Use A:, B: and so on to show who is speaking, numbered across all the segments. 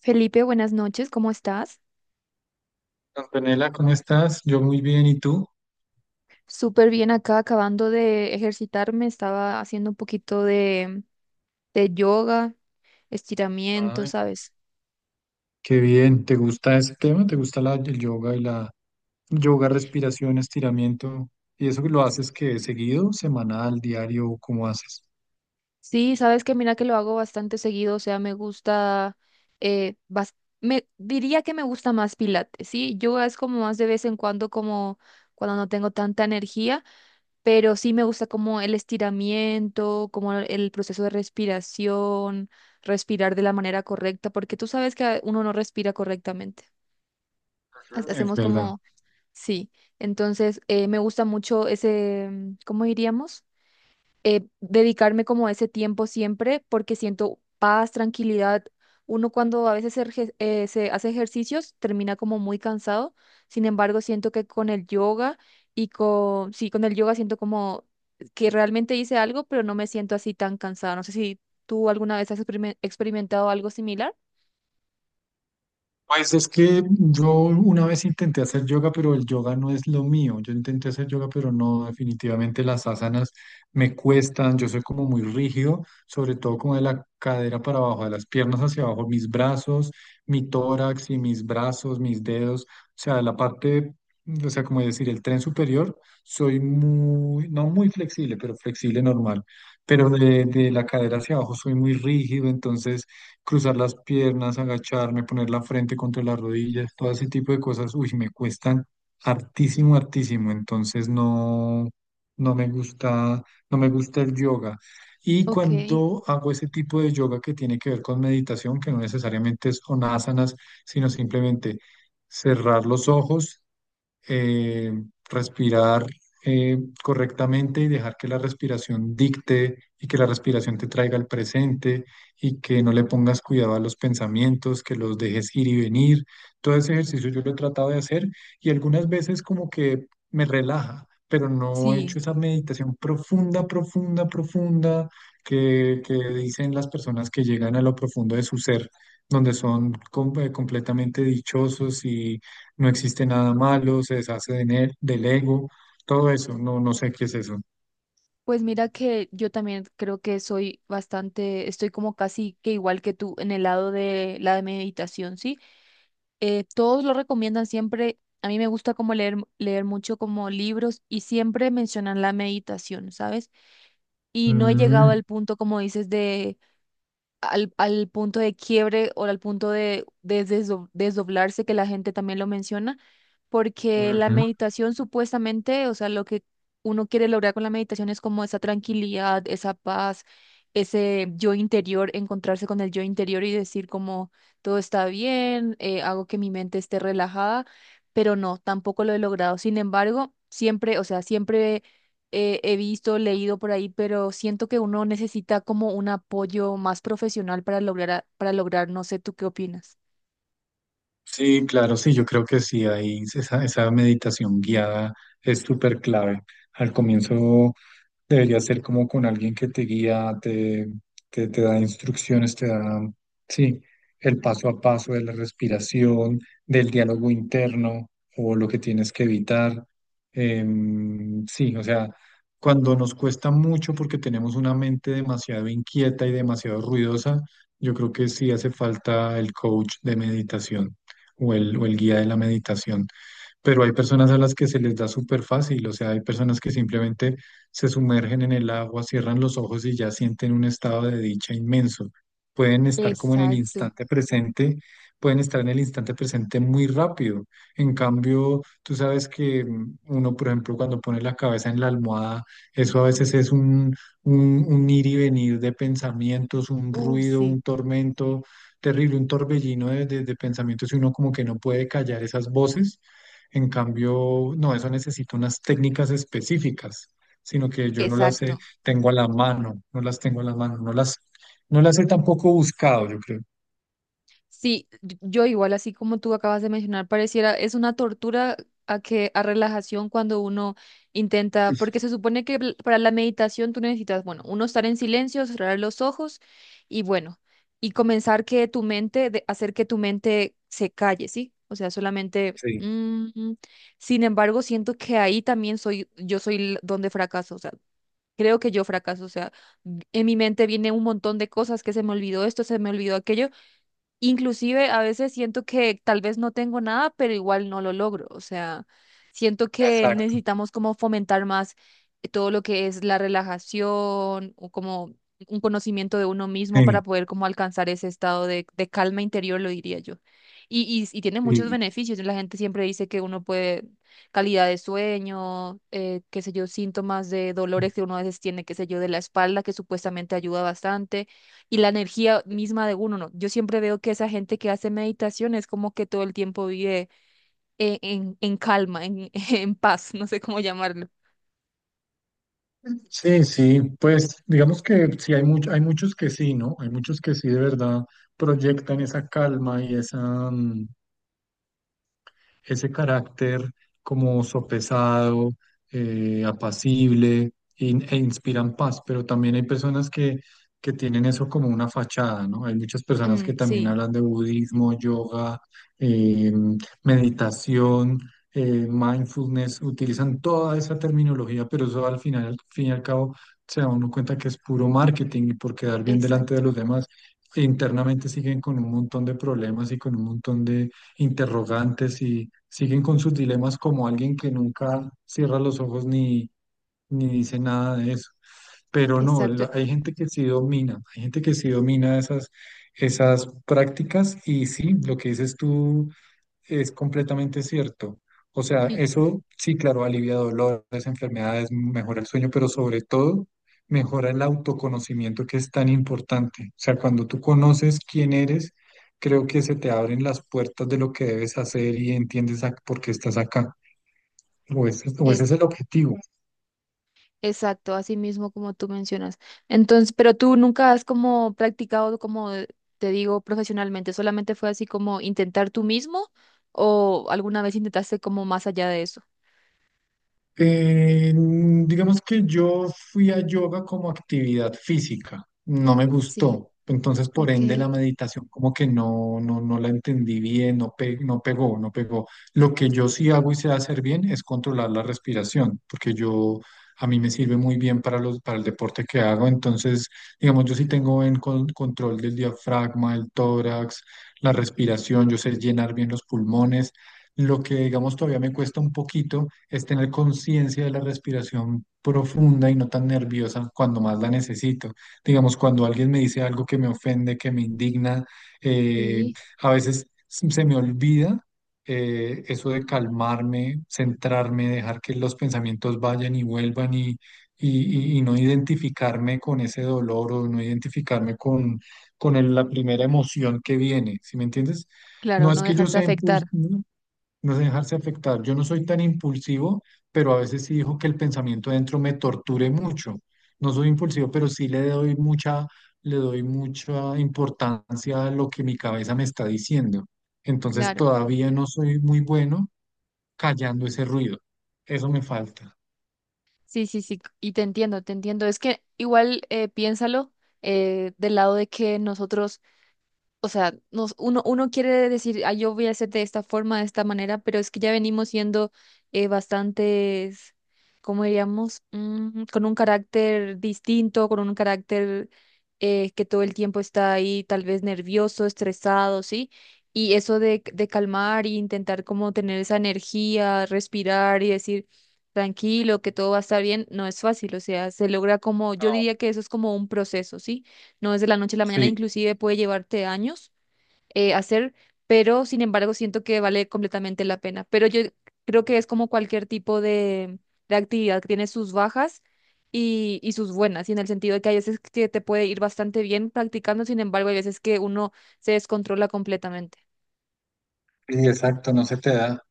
A: Felipe, buenas noches, ¿cómo estás?
B: Antonella, ¿cómo estás? Yo muy bien, ¿y tú?
A: Súper bien acá, acabando de ejercitarme, estaba haciendo un poquito de yoga, estiramiento,
B: Ay,
A: ¿sabes?
B: qué bien, ¿te gusta ese tema? ¿Te gusta el yoga y la yoga, respiración, estiramiento? ¿Y eso lo haces que seguido, semanal, diario, cómo haces?
A: Sí, sabes que mira que lo hago bastante seguido, o sea, me gusta, eh, bas- me diría que me gusta más pilates, ¿sí? Yoga es como más de vez en cuando, como cuando no tengo tanta energía, pero sí me gusta como el estiramiento, como el proceso de respiración, respirar de la manera correcta, porque tú sabes que uno no respira correctamente.
B: Es
A: Hacemos
B: verdad.
A: como, sí, entonces me gusta mucho ese, ¿cómo diríamos? Dedicarme como a ese tiempo siempre porque siento paz, tranquilidad. Uno cuando a veces se hace ejercicios termina como muy cansado. Sin embargo, siento que con el yoga y con, sí, con el yoga siento como que realmente hice algo, pero no me siento así tan cansada. No sé si tú alguna vez has experimentado algo similar.
B: Pues es que yo una vez intenté hacer yoga, pero el yoga no es lo mío. Yo intenté hacer yoga, pero no, definitivamente las asanas me cuestan. Yo soy como muy rígido, sobre todo como de la cadera para abajo, de las piernas hacia abajo, mis brazos, mi tórax y mis brazos, mis dedos, o sea, la parte, o sea, como decir, el tren superior, soy muy, no muy flexible, pero flexible normal. Pero de la cadera hacia abajo soy muy rígido, entonces cruzar las piernas, agacharme, poner la frente contra las rodillas, todo ese tipo de cosas, uy, me cuestan hartísimo, hartísimo, entonces no, no me gusta, no me gusta el yoga. Y
A: Ok,
B: cuando hago ese tipo de yoga que tiene que ver con meditación, que no necesariamente son asanas, sino simplemente cerrar los ojos, eh, respirar eh, correctamente y dejar que la respiración dicte y que la respiración te traiga al presente y que no le pongas cuidado a los pensamientos, que los dejes ir y venir. Todo ese ejercicio yo lo he tratado de hacer y algunas veces como que me relaja, pero no he hecho
A: sí.
B: esa meditación profunda, profunda, profunda que dicen las personas que llegan a lo profundo de su ser, donde son completamente dichosos, no existe nada malo, se deshace de del ego, todo eso, no, no sé qué es eso.
A: Pues mira que yo también creo que soy bastante, estoy como casi que igual que tú en el lado de la meditación, ¿sí? Todos lo recomiendan siempre. A mí me gusta como leer, leer mucho como libros y siempre mencionan la meditación, ¿sabes? Y no he llegado
B: Mm,
A: al punto, como dices, de al, al punto de quiebre o al punto de desdoblarse, que la gente también lo menciona, porque la
B: ujú.
A: meditación supuestamente, o sea, lo que uno quiere lograr con la meditación es como esa tranquilidad, esa paz, ese yo interior, encontrarse con el yo interior y decir como todo está bien, hago que mi mente esté relajada, pero no, tampoco lo he logrado. Sin embargo, siempre, o sea, siempre he visto, leído por ahí, pero siento que uno necesita como un apoyo más profesional para lograr, para lograr, no sé, ¿tú qué opinas?
B: Sí, claro, sí, yo creo que sí, ahí esa, esa meditación guiada es súper clave. Al comienzo debería ser como con alguien que te guía, te, te da instrucciones, te da, sí, el paso a paso de la respiración, del diálogo interno o lo que tienes que evitar. Sí, o sea, cuando nos cuesta mucho porque tenemos una mente demasiado inquieta y demasiado ruidosa, yo creo que sí hace falta el coach de meditación o o el guía de la meditación, pero hay personas a las que se les da súper fácil, o sea, hay personas que simplemente se sumergen en el agua, cierran los ojos y ya sienten un estado de dicha inmenso. Pueden estar como en el
A: Exacto.
B: instante presente, pueden estar en el instante presente muy rápido. En cambio, tú sabes que mm, uno, por ejemplo, cuando pone la cabeza en la almohada, eso a veces es un, un ir y venir de pensamientos, un ruido,
A: Sí,
B: un tormento terrible, un torbellino de pensamientos y uno como que no puede callar esas voces. En cambio, no, eso necesita unas técnicas específicas, sino que yo no las
A: exacto.
B: tengo a la mano, no las tengo a la mano, no las, no las he tampoco buscado, yo creo.
A: Sí, yo igual así como tú acabas de mencionar, pareciera es una tortura a que a relajación cuando uno intenta, porque se supone que para la meditación tú necesitas, bueno, uno estar en silencio, cerrar los ojos y bueno, y comenzar que tu mente, de hacer que tu mente se calle, ¿sí? O sea, solamente
B: Sí,
A: mm, mm. Sin embargo, siento que ahí también soy, yo soy donde fracaso, o sea, creo que yo fracaso, o sea, en mi mente viene un montón de cosas que se me olvidó esto, se me olvidó aquello. Inclusive a veces siento que tal vez no tengo nada, pero igual no lo logro. O sea, siento que
B: exacto.
A: necesitamos como fomentar más todo lo que es la relajación o como un conocimiento de uno mismo
B: Sí,
A: para poder como alcanzar ese estado de calma interior, lo diría yo. Y, y tiene muchos
B: sí,
A: beneficios. La gente siempre dice que uno puede calidad de sueño, qué sé yo, síntomas de dolores que uno a veces tiene, qué sé yo, de la espalda, que supuestamente ayuda bastante y la energía misma de uno, ¿no? Yo siempre veo que esa gente que hace meditación es como que todo el tiempo vive en calma, en, en paz, no sé cómo llamarlo.
B: sí, sí, pues digamos que sí, hay hay muchos que sí, ¿no? Hay muchos que sí de verdad proyectan esa calma y esa, mm, ese carácter como sopesado, apacible e inspiran paz, pero también hay personas que tienen eso como una fachada, ¿no? Hay muchas personas
A: Mm,
B: que también
A: sí,
B: hablan de budismo, yoga, eh, meditación, mindfulness, utilizan toda esa terminología, pero eso al final, al fin y al cabo, se da uno cuenta que es puro marketing y por quedar bien delante
A: exacto,
B: de los demás. Internamente siguen con un montón de problemas y con un montón de, interrogantes y siguen con sus dilemas como alguien que nunca cierra los ojos ni, ni dice nada de eso. Pero no,
A: exacto.
B: hay gente que sí domina, hay gente que sí domina esas, esas prácticas y sí, lo que dices tú es completamente cierto. O sea,
A: Y
B: eso sí, claro, alivia dolores, enfermedades, mejora el sueño, pero sobre todo mejora el autoconocimiento que es tan importante. O sea, cuando tú conoces quién eres, creo que se te abren las puertas de lo que debes hacer y entiendes por qué estás acá. O ese es
A: es
B: el objetivo.
A: exacto, así mismo como tú mencionas. Entonces, pero tú nunca has como practicado, como te digo, profesionalmente, solamente fue así como intentar tú mismo o alguna vez intentaste como más allá de eso.
B: Digamos que yo fui a yoga como actividad física, no me
A: Sí,
B: gustó, entonces por ende
A: ok,
B: la meditación como que no, no, no la entendí bien, no, no pegó, no pegó. Lo que yo sí hago y sé hacer bien es controlar la respiración, porque yo a mí me sirve muy bien para los, para el deporte que hago, entonces digamos yo sí tengo control del diafragma, el tórax, la respiración, yo sé llenar bien los pulmones. Lo que, digamos, todavía me cuesta un poquito es tener conciencia de la respiración profunda y no tan nerviosa cuando más la necesito. Digamos, cuando alguien me dice algo que me ofende, que me indigna, eh,
A: sí,
B: a veces se me olvida eso de calmarme, centrarme, dejar que los pensamientos vayan y vuelvan y no identificarme con ese dolor o no identificarme con la primera emoción que viene, ¿sí me entiendes? No
A: claro, no
B: es que yo
A: dejarse
B: sea
A: afectar,
B: impulsivo, no sé dejarse afectar. Yo no soy tan impulsivo, pero a veces sí dijo que el pensamiento dentro me torture mucho. No soy impulsivo, pero sí le doy mucha importancia a lo que mi cabeza me está diciendo. Entonces
A: claro.
B: todavía no soy muy bueno callando ese ruido. Eso me falta.
A: Sí, sí, sí, y te entiendo, te entiendo. Es que igual piénsalo del lado de que nosotros o sea, nos, uno quiere decir, ah, yo voy a hacer de esta forma, de esta manera, pero es que ya venimos siendo bastantes, ¿cómo diríamos? Mm, con un carácter distinto, con un carácter que todo el tiempo está ahí, tal vez nervioso, estresado, ¿sí? Y eso de calmar y intentar como tener esa energía, respirar y decir, tranquilo, que todo va a estar bien, no es fácil, o sea, se logra como, yo
B: No.
A: diría que eso es como un proceso, ¿sí? No es de la noche a la mañana,
B: Sí,
A: inclusive puede llevarte años hacer, pero sin embargo siento que vale completamente la pena. Pero yo creo que es como cualquier tipo de actividad que tiene sus bajas y sus buenas, y en el sentido de que hay veces que te puede ir bastante bien practicando, sin embargo hay veces que uno se descontrola completamente.
B: sí, exacto, no se te da.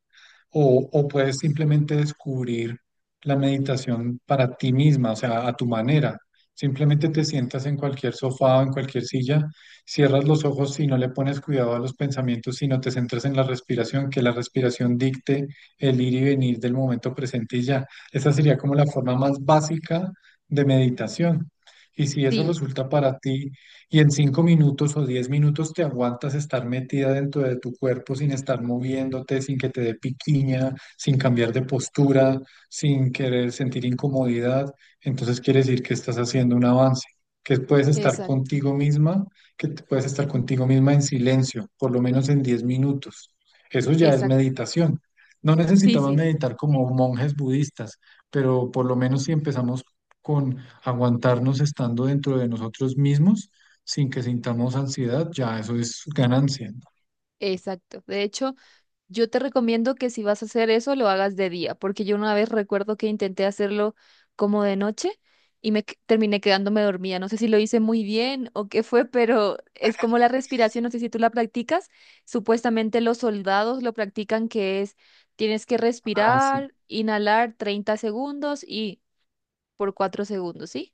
B: O, o puedes simplemente descubrir la meditación para ti misma, o sea, a tu manera. Simplemente te sientas en cualquier sofá o en cualquier silla, cierras los ojos y no le pones cuidado a los pensamientos, sino te centras en la respiración, que la respiración dicte el ir y venir del momento presente y ya. Esa sería como la forma más básica de meditación. Y si eso
A: Sí,
B: resulta para ti y en 5 minutos o 10 minutos te aguantas estar metida dentro de tu cuerpo sin estar moviéndote, sin que te dé piquiña, sin cambiar de postura, sin querer sentir incomodidad, entonces quiere decir que estás haciendo un avance, que puedes estar
A: exacto,
B: contigo misma, que puedes estar contigo misma en silencio, por lo menos en 10 minutos. Eso ya es
A: exacto.
B: meditación. No
A: Sí,
B: necesitamos
A: sí, sí,
B: meditar como monjes budistas, pero por lo menos si empezamos con aguantarnos estando dentro de nosotros mismos, sin que sintamos ansiedad, ya eso es ganancia, ¿no?
A: exacto. De hecho, yo te recomiendo que si vas a hacer eso, lo hagas de día, porque yo una vez recuerdo que intenté hacerlo como de noche y terminé quedándome dormida. No sé si lo hice muy bien o qué fue, pero es como la respiración, no sé si tú la practicas. Supuestamente los soldados lo practican, que es tienes que
B: Ah, sí.
A: respirar, inhalar 30 segundos y por 4 segundos, ¿sí?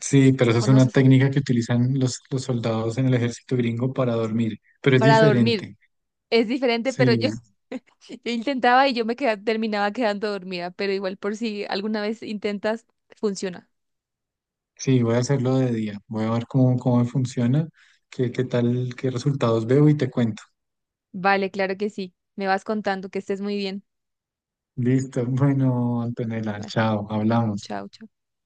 B: Sí, pero esa es una
A: ¿Conoces?
B: técnica que utilizan los soldados en el ejército gringo para dormir, pero es
A: Para dormir.
B: diferente.
A: Es diferente, pero
B: Sí,
A: yo yo intentaba y terminaba quedando dormida, pero igual por si alguna vez intentas, funciona.
B: sí, voy a hacerlo de día, voy a ver cómo, cómo me funciona, qué, qué tal, qué resultados veo y te cuento.
A: Vale, claro que sí. Me vas contando. Que estés muy bien.
B: Listo, bueno, Antonella,
A: Vale,
B: chao, hablamos.
A: chao. Chao.